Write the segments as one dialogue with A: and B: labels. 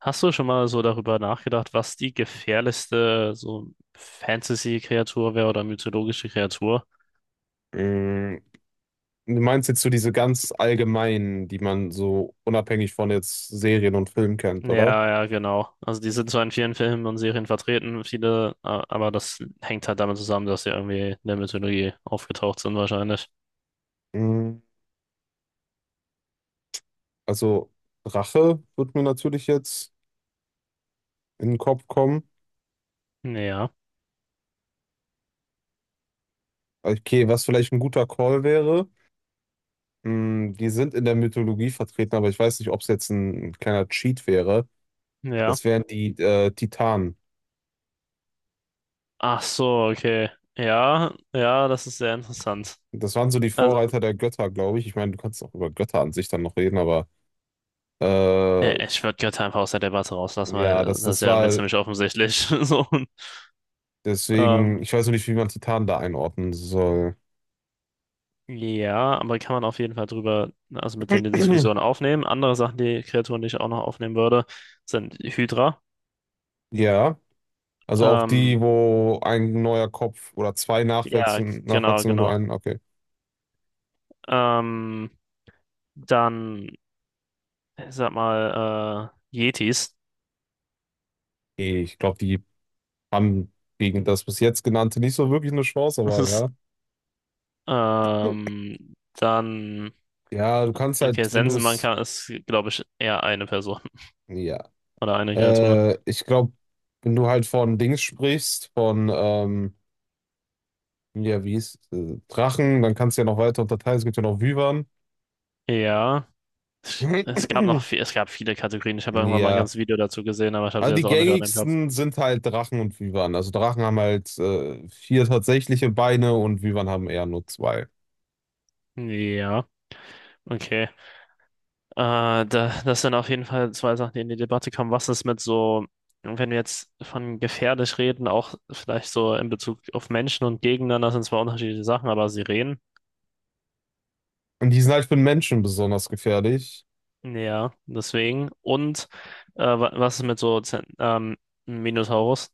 A: Hast du schon mal so darüber nachgedacht, was die gefährlichste so Fantasy-Kreatur wäre oder mythologische Kreatur?
B: Mm, Du meinst jetzt so diese ganz allgemeinen, die man so unabhängig von jetzt Serien und Filmen kennt, oder?
A: Ja, ja, genau. Also die sind zwar in vielen Filmen und Serien vertreten, viele, aber das hängt halt damit zusammen, dass sie irgendwie in der Mythologie aufgetaucht sind wahrscheinlich.
B: Mm, Also Rache wird mir natürlich jetzt in den Kopf kommen.
A: Ja,
B: Okay, was vielleicht ein guter Call wäre, die sind in der Mythologie vertreten, aber ich weiß nicht, ob es jetzt ein kleiner Cheat wäre.
A: ja.
B: Das wären die Titanen.
A: Ach so, okay. Ja, ja, das ist sehr interessant.
B: Das waren so die
A: Also,
B: Vorreiter der Götter, glaube ich. Ich meine, du kannst auch über Götter an sich dann noch reden, aber äh,
A: ich würde Götter einfach aus der Debatte rauslassen, weil
B: ja,
A: das ist
B: das
A: ja irgendwie
B: war.
A: ziemlich offensichtlich. So,
B: Deswegen,
A: ähm,
B: ich weiß noch nicht, wie man Titan da einordnen soll.
A: ja, aber kann man auf jeden Fall drüber, ne, also mit in die Diskussion aufnehmen. Andere Sachen, die Kreaturen, die ich auch noch aufnehmen würde, sind Hydra.
B: Ja,
A: Mhm.
B: also auch die, wo ein neuer Kopf oder zwei
A: Ja,
B: nachwachsen,
A: genau,
B: nachwachsen und du
A: genau.
B: einen, okay.
A: Ähm, dann, ich sag mal, Yetis.
B: Nee, ich glaube, die haben gegen das bis jetzt genannte nicht so wirklich eine Chance, aber ja.
A: Dann,
B: Ja, du kannst
A: okay,
B: halt, wenn du
A: Sensenmann
B: es,
A: kann, ist, glaube ich, eher eine Person
B: ja.
A: oder eine Kreatur.
B: Ich glaube, wenn du halt von Dings sprichst, von, ja, wie ist, Drachen, dann kannst du ja noch weiter unterteilen, es gibt ja noch Wyvern.
A: Ja, es gab noch viel, es gab viele Kategorien. Ich habe irgendwann mal ein
B: Ja.
A: ganzes Video dazu gesehen, aber ich habe
B: Also
A: sie jetzt
B: die
A: auch nicht an dem Kopf.
B: gängigsten sind halt Drachen und Wyvern. Also Drachen haben halt vier tatsächliche Beine und Wyvern haben eher nur zwei.
A: Ja, okay. Äh, da, das sind auf jeden Fall zwei Sachen, die in die Debatte kamen. Was ist mit so, wenn wir jetzt von gefährlich reden, auch vielleicht so in Bezug auf Menschen und Gegeneinander, das sind zwar unterschiedliche Sachen, aber Sirenen,
B: Und die sind halt für den Menschen besonders gefährlich.
A: ja, deswegen. Und was ist mit so Minotaurus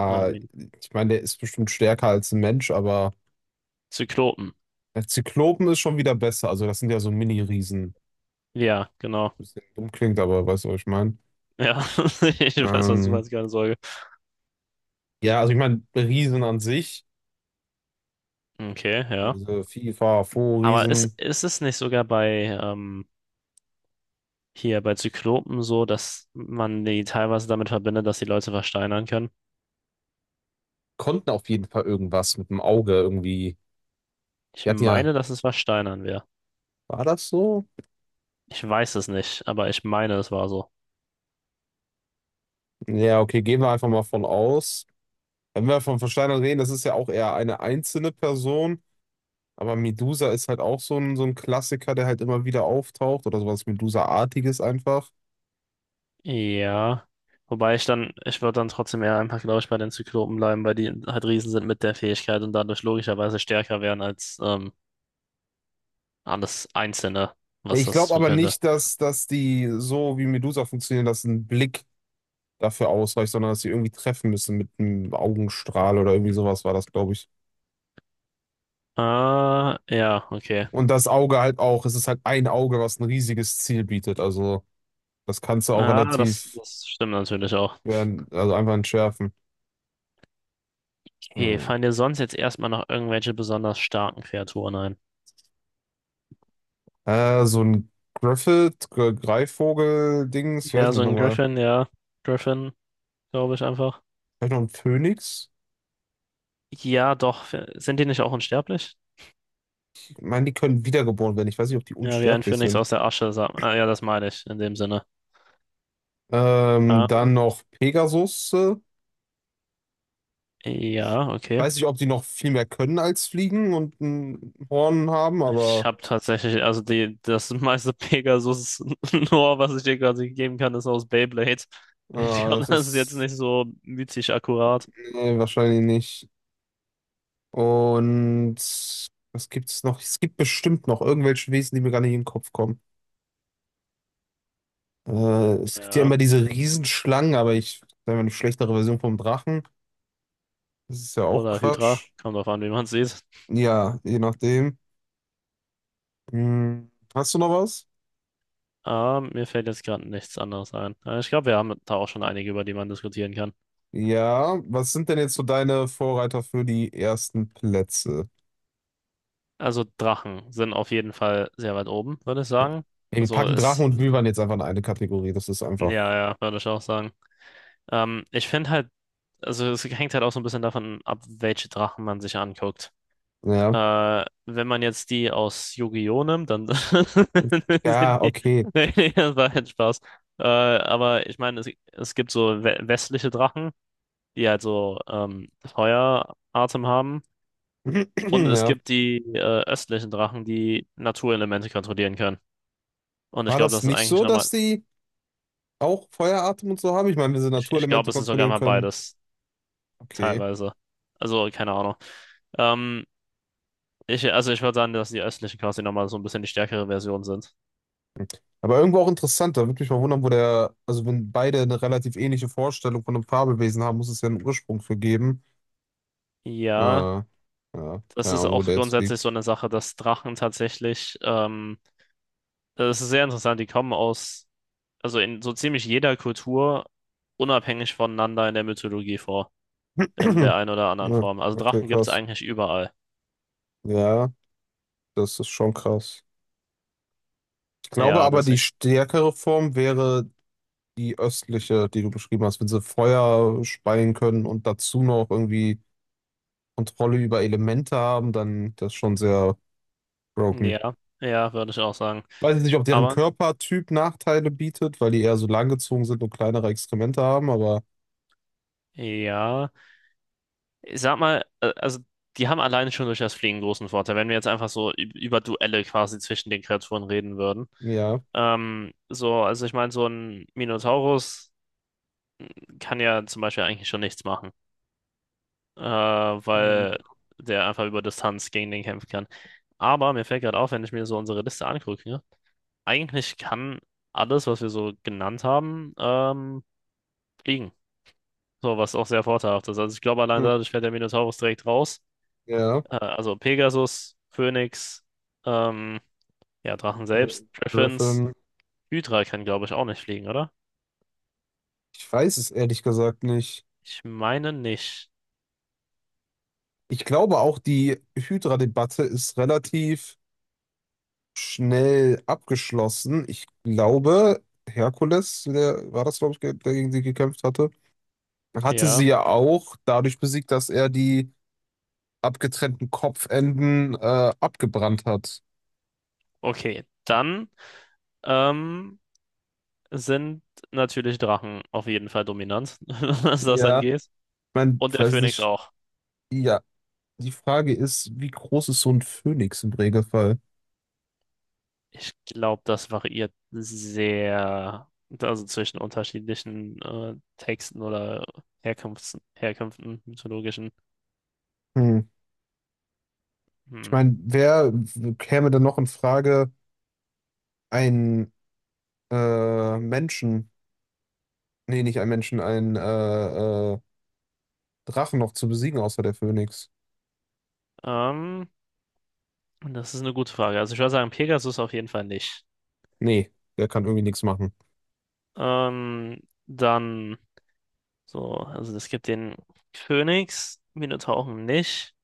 A: oder Min
B: ich meine, der ist bestimmt stärker als ein Mensch, aber
A: Zyklopen?
B: der Zyklopen ist schon wieder besser. Also das sind ja so Mini-Riesen.
A: Ja, genau.
B: Bisschen dumm klingt, aber weißt du, was ich meine?
A: Ja, ich weiß, was du
B: Ähm,
A: meinst, keine Sorge.
B: ja, also ich meine, Riesen an sich,
A: Okay, ja.
B: diese FIFA,
A: Aber ist,
B: Fo-Riesen,
A: ist es nicht sogar bei hier bei Zyklopen so, dass man die teilweise damit verbindet, dass die Leute versteinern können.
B: konnten auf jeden Fall irgendwas mit dem Auge irgendwie.
A: Ich
B: Die hatten ja,
A: meine, dass es versteinern wäre.
B: war das so?
A: Ich weiß es nicht, aber ich meine, es war so.
B: Ja, okay, gehen wir einfach mal von aus. Wenn wir von Versteinern reden, das ist ja auch eher eine einzelne Person, aber Medusa ist halt auch so ein Klassiker, der halt immer wieder auftaucht oder sowas Medusa-artiges einfach.
A: Ja. Wobei ich dann, ich würde dann trotzdem eher einfach, glaube ich, bei den Zyklopen bleiben, weil die halt Riesen sind mit der Fähigkeit und dadurch logischerweise stärker wären als alles Einzelne, was
B: Ich
A: das
B: glaube
A: so
B: aber
A: könnte.
B: nicht, dass die so wie Medusa funktionieren, dass ein Blick dafür ausreicht, sondern dass sie irgendwie treffen müssen mit einem Augenstrahl oder irgendwie sowas war das, glaube ich.
A: Ah, ja, okay.
B: Und das Auge halt auch, es ist halt ein Auge, was ein riesiges Ziel bietet. Also das kannst du auch
A: Ah, das,
B: relativ,
A: das stimmt natürlich auch.
B: werden, also einfach entschärfen.
A: Okay,
B: Hm.
A: fallen dir sonst jetzt erstmal noch irgendwelche besonders starken Kreaturen ein?
B: So ein Griffith, Greifvogel-Dings, wie
A: Ja,
B: heißen die
A: so ein
B: nochmal?
A: Griffin, ja. Griffin, glaube ich einfach.
B: Vielleicht noch ein Phönix?
A: Ja, doch. Sind die nicht auch unsterblich?
B: Ich meine, die können wiedergeboren werden. Ich weiß nicht, ob die
A: Ja, wie ein
B: unsterblich
A: Phönix
B: sind.
A: aus der Asche. Sagt, ah, ja, das meine ich in dem Sinne. Ah,
B: Dann noch Pegasus.
A: ja, okay.
B: Weiß nicht, ob die noch viel mehr können als fliegen und ein Horn haben,
A: Ich
B: aber
A: habe tatsächlich, also die, das meiste Pegasus-Lore, was ich dir gerade geben kann, ist aus Beyblade. Ich glaube,
B: das
A: das ist jetzt
B: ist
A: nicht so mythisch akkurat.
B: nee, wahrscheinlich nicht. Und was gibt's noch? Es gibt bestimmt noch irgendwelche Wesen, die mir gar nicht in den Kopf kommen. Äh, es gibt ja
A: Ja.
B: immer diese Riesenschlangen, aber ich, sagen wir, eine schlechtere Version vom Drachen. Das ist ja auch
A: Oder Hydra.
B: Quatsch.
A: Kommt drauf an, wie man sieht.
B: Ja, je nachdem. Hm, hast du noch was?
A: Ah, mir fällt jetzt gerade nichts anderes ein. Ich glaube, wir haben da auch schon einige, über die man diskutieren kann.
B: Ja, was sind denn jetzt so deine Vorreiter für die ersten Plätze?
A: Also Drachen sind auf jeden Fall sehr weit oben, würde ich
B: Ja.
A: sagen.
B: Ey, wir
A: Also
B: packen Drachen
A: ist,
B: und Wyvern jetzt einfach in eine Kategorie. Das ist einfach.
A: ja, ja, würde ich auch sagen. Ich finde halt, also es hängt halt auch so ein bisschen davon ab, welche Drachen man sich anguckt.
B: Ja.
A: Wenn man jetzt die aus Yu-Gi-Oh! Nimmt, dann sind
B: Ja,
A: die,
B: okay.
A: nee, das war halt Spaß. Aber ich meine, es gibt so westliche Drachen, die halt so Feueratem haben. Und es
B: Ja.
A: gibt die östlichen Drachen, die Naturelemente kontrollieren können. Und ich
B: War
A: glaube,
B: das
A: das ist
B: nicht
A: eigentlich
B: so,
A: nochmal,
B: dass die auch Feueratem und so haben? Ich meine, wenn sie
A: ich glaube,
B: Naturelemente
A: es ist sogar
B: kontrollieren
A: mal
B: können.
A: beides,
B: Okay.
A: teilweise. Also, keine Ahnung. Ähm, ich, also ich würde sagen, dass die östlichen quasi nochmal so ein bisschen die stärkere Version sind.
B: Aber irgendwo auch interessant. Da würde mich mal wundern, wo der. Also, wenn beide eine relativ ähnliche Vorstellung von einem Fabelwesen haben, muss es ja einen Ursprung für geben.
A: Ja,
B: Ah, ja,
A: das
B: keine
A: ist
B: Ahnung, wo
A: auch
B: der jetzt
A: grundsätzlich
B: liegt.
A: so eine Sache, dass Drachen tatsächlich, das ist sehr interessant, die kommen aus, also in so ziemlich jeder Kultur unabhängig voneinander in der Mythologie vor, in der einen oder anderen
B: Ja,
A: Form. Also
B: okay,
A: Drachen gibt es
B: krass.
A: eigentlich überall.
B: Ja, das ist schon krass. Ich glaube
A: Ja,
B: aber, die
A: deswegen.
B: stärkere Form wäre die östliche, die du beschrieben hast. Wenn sie Feuer speien können und dazu noch irgendwie Kontrolle über Elemente haben, dann das ist schon sehr broken.
A: Ja, ja, würde ich auch sagen.
B: Weiß jetzt nicht, ob deren
A: Aber
B: Körpertyp Nachteile bietet, weil die eher so langgezogen sind und kleinere Exkremente haben, aber
A: ja. Ich sag mal, also die haben alleine schon durch das Fliegen großen Vorteil, wenn wir jetzt einfach so über Duelle quasi zwischen den Kreaturen reden würden.
B: ja.
A: So, also ich meine, so ein Minotaurus kann ja zum Beispiel eigentlich schon nichts machen,
B: Hm,
A: weil der einfach über Distanz gegen den kämpfen kann. Aber mir fällt gerade auf, wenn ich mir so unsere Liste angucke, ne? Eigentlich kann alles, was wir so genannt haben, fliegen. So, was auch sehr vorteilhaft ist. Also ich glaube, allein dadurch fällt der Minotaurus direkt raus.
B: ja,
A: Also Pegasus, Phönix, ähm, ja, Drachen
B: äh,
A: selbst, Griffins.
B: Griffin.
A: Hydra kann, glaube ich, auch nicht fliegen, oder?
B: Ich weiß es ehrlich gesagt nicht.
A: Ich meine nicht.
B: Ich glaube auch, die Hydra-Debatte ist relativ schnell abgeschlossen. Ich glaube, Herkules, der war das, glaube ich, der gegen sie gekämpft hatte, hatte sie
A: Ja,
B: ja auch dadurch besiegt, dass er die abgetrennten Kopfenden abgebrannt hat.
A: okay. Dann ähm, sind natürlich Drachen auf jeden Fall dominant, was das
B: Ja, ich
A: angeht.
B: mein,
A: Und
B: ich
A: der
B: weiß
A: Phönix
B: nicht.
A: auch.
B: Ja, die Frage ist, wie groß ist so ein Phönix im Regelfall?
A: Ich glaube, das variiert sehr, also zwischen unterschiedlichen Texten oder Herkunfts Herkünften, mythologischen.
B: Hm. Ich
A: Hm.
B: meine, wer käme denn noch in Frage, einen Menschen? Nee, nicht ein Menschen, einen Drachen noch zu besiegen, außer der Phönix.
A: Ähm, das ist eine gute Frage. Also ich würde sagen, Pegasus auf jeden Fall nicht.
B: Nee, der kann irgendwie nichts machen.
A: Ähm, dann so, also es gibt den Phönix, Minotauren nicht.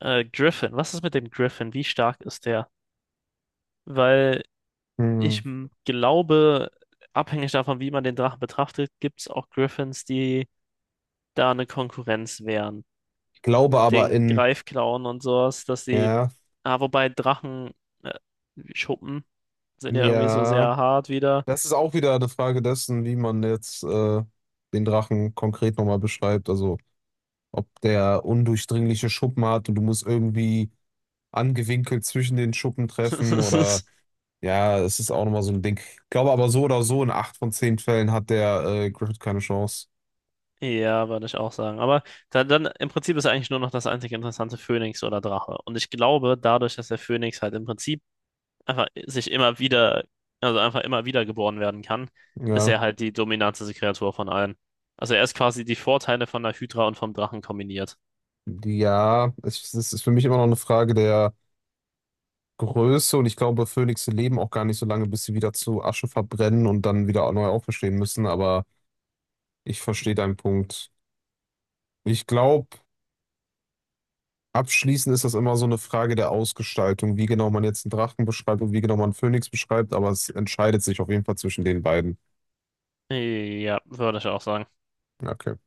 A: Griffin, was ist mit dem Griffin? Wie stark ist der? Weil
B: Hm.
A: ich glaube, abhängig davon, wie man den Drachen betrachtet, gibt es auch Griffins, die da eine Konkurrenz wären.
B: Ich glaube
A: Mit
B: aber
A: den
B: in,
A: Greifklauen und sowas, dass die,
B: ja,
A: ah, wobei Drachen, äh, Schuppen sind ja irgendwie so
B: ja,
A: sehr hart wieder.
B: das ist auch wieder eine Frage dessen, wie man jetzt den Drachen konkret nochmal beschreibt. Also, ob der undurchdringliche Schuppen hat und du musst irgendwie angewinkelt zwischen den Schuppen treffen oder, ja, es ist auch nochmal so ein Ding. Ich glaube aber so oder so, in 8 von 10 Fällen hat der Griffith keine Chance.
A: Ja, würde ich auch sagen. Aber da, dann im Prinzip ist eigentlich nur noch das einzige interessante Phönix oder Drache. Und ich glaube, dadurch, dass der Phönix halt im Prinzip einfach sich immer wieder, also einfach immer wieder geboren werden kann, ist
B: Ja.
A: er halt die dominanteste Kreatur von allen. Also er ist quasi die Vorteile von der Hydra und vom Drachen kombiniert.
B: Ja, es ist für mich immer noch eine Frage der Größe und ich glaube, Phönixe leben auch gar nicht so lange, bis sie wieder zu Asche verbrennen und dann wieder neu auferstehen müssen, aber ich verstehe deinen Punkt. Ich glaube, abschließend ist das immer so eine Frage der Ausgestaltung, wie genau man jetzt einen Drachen beschreibt und wie genau man einen Phönix beschreibt, aber es entscheidet sich auf jeden Fall zwischen den beiden.
A: Ja, würde ich auch sagen.
B: Okay.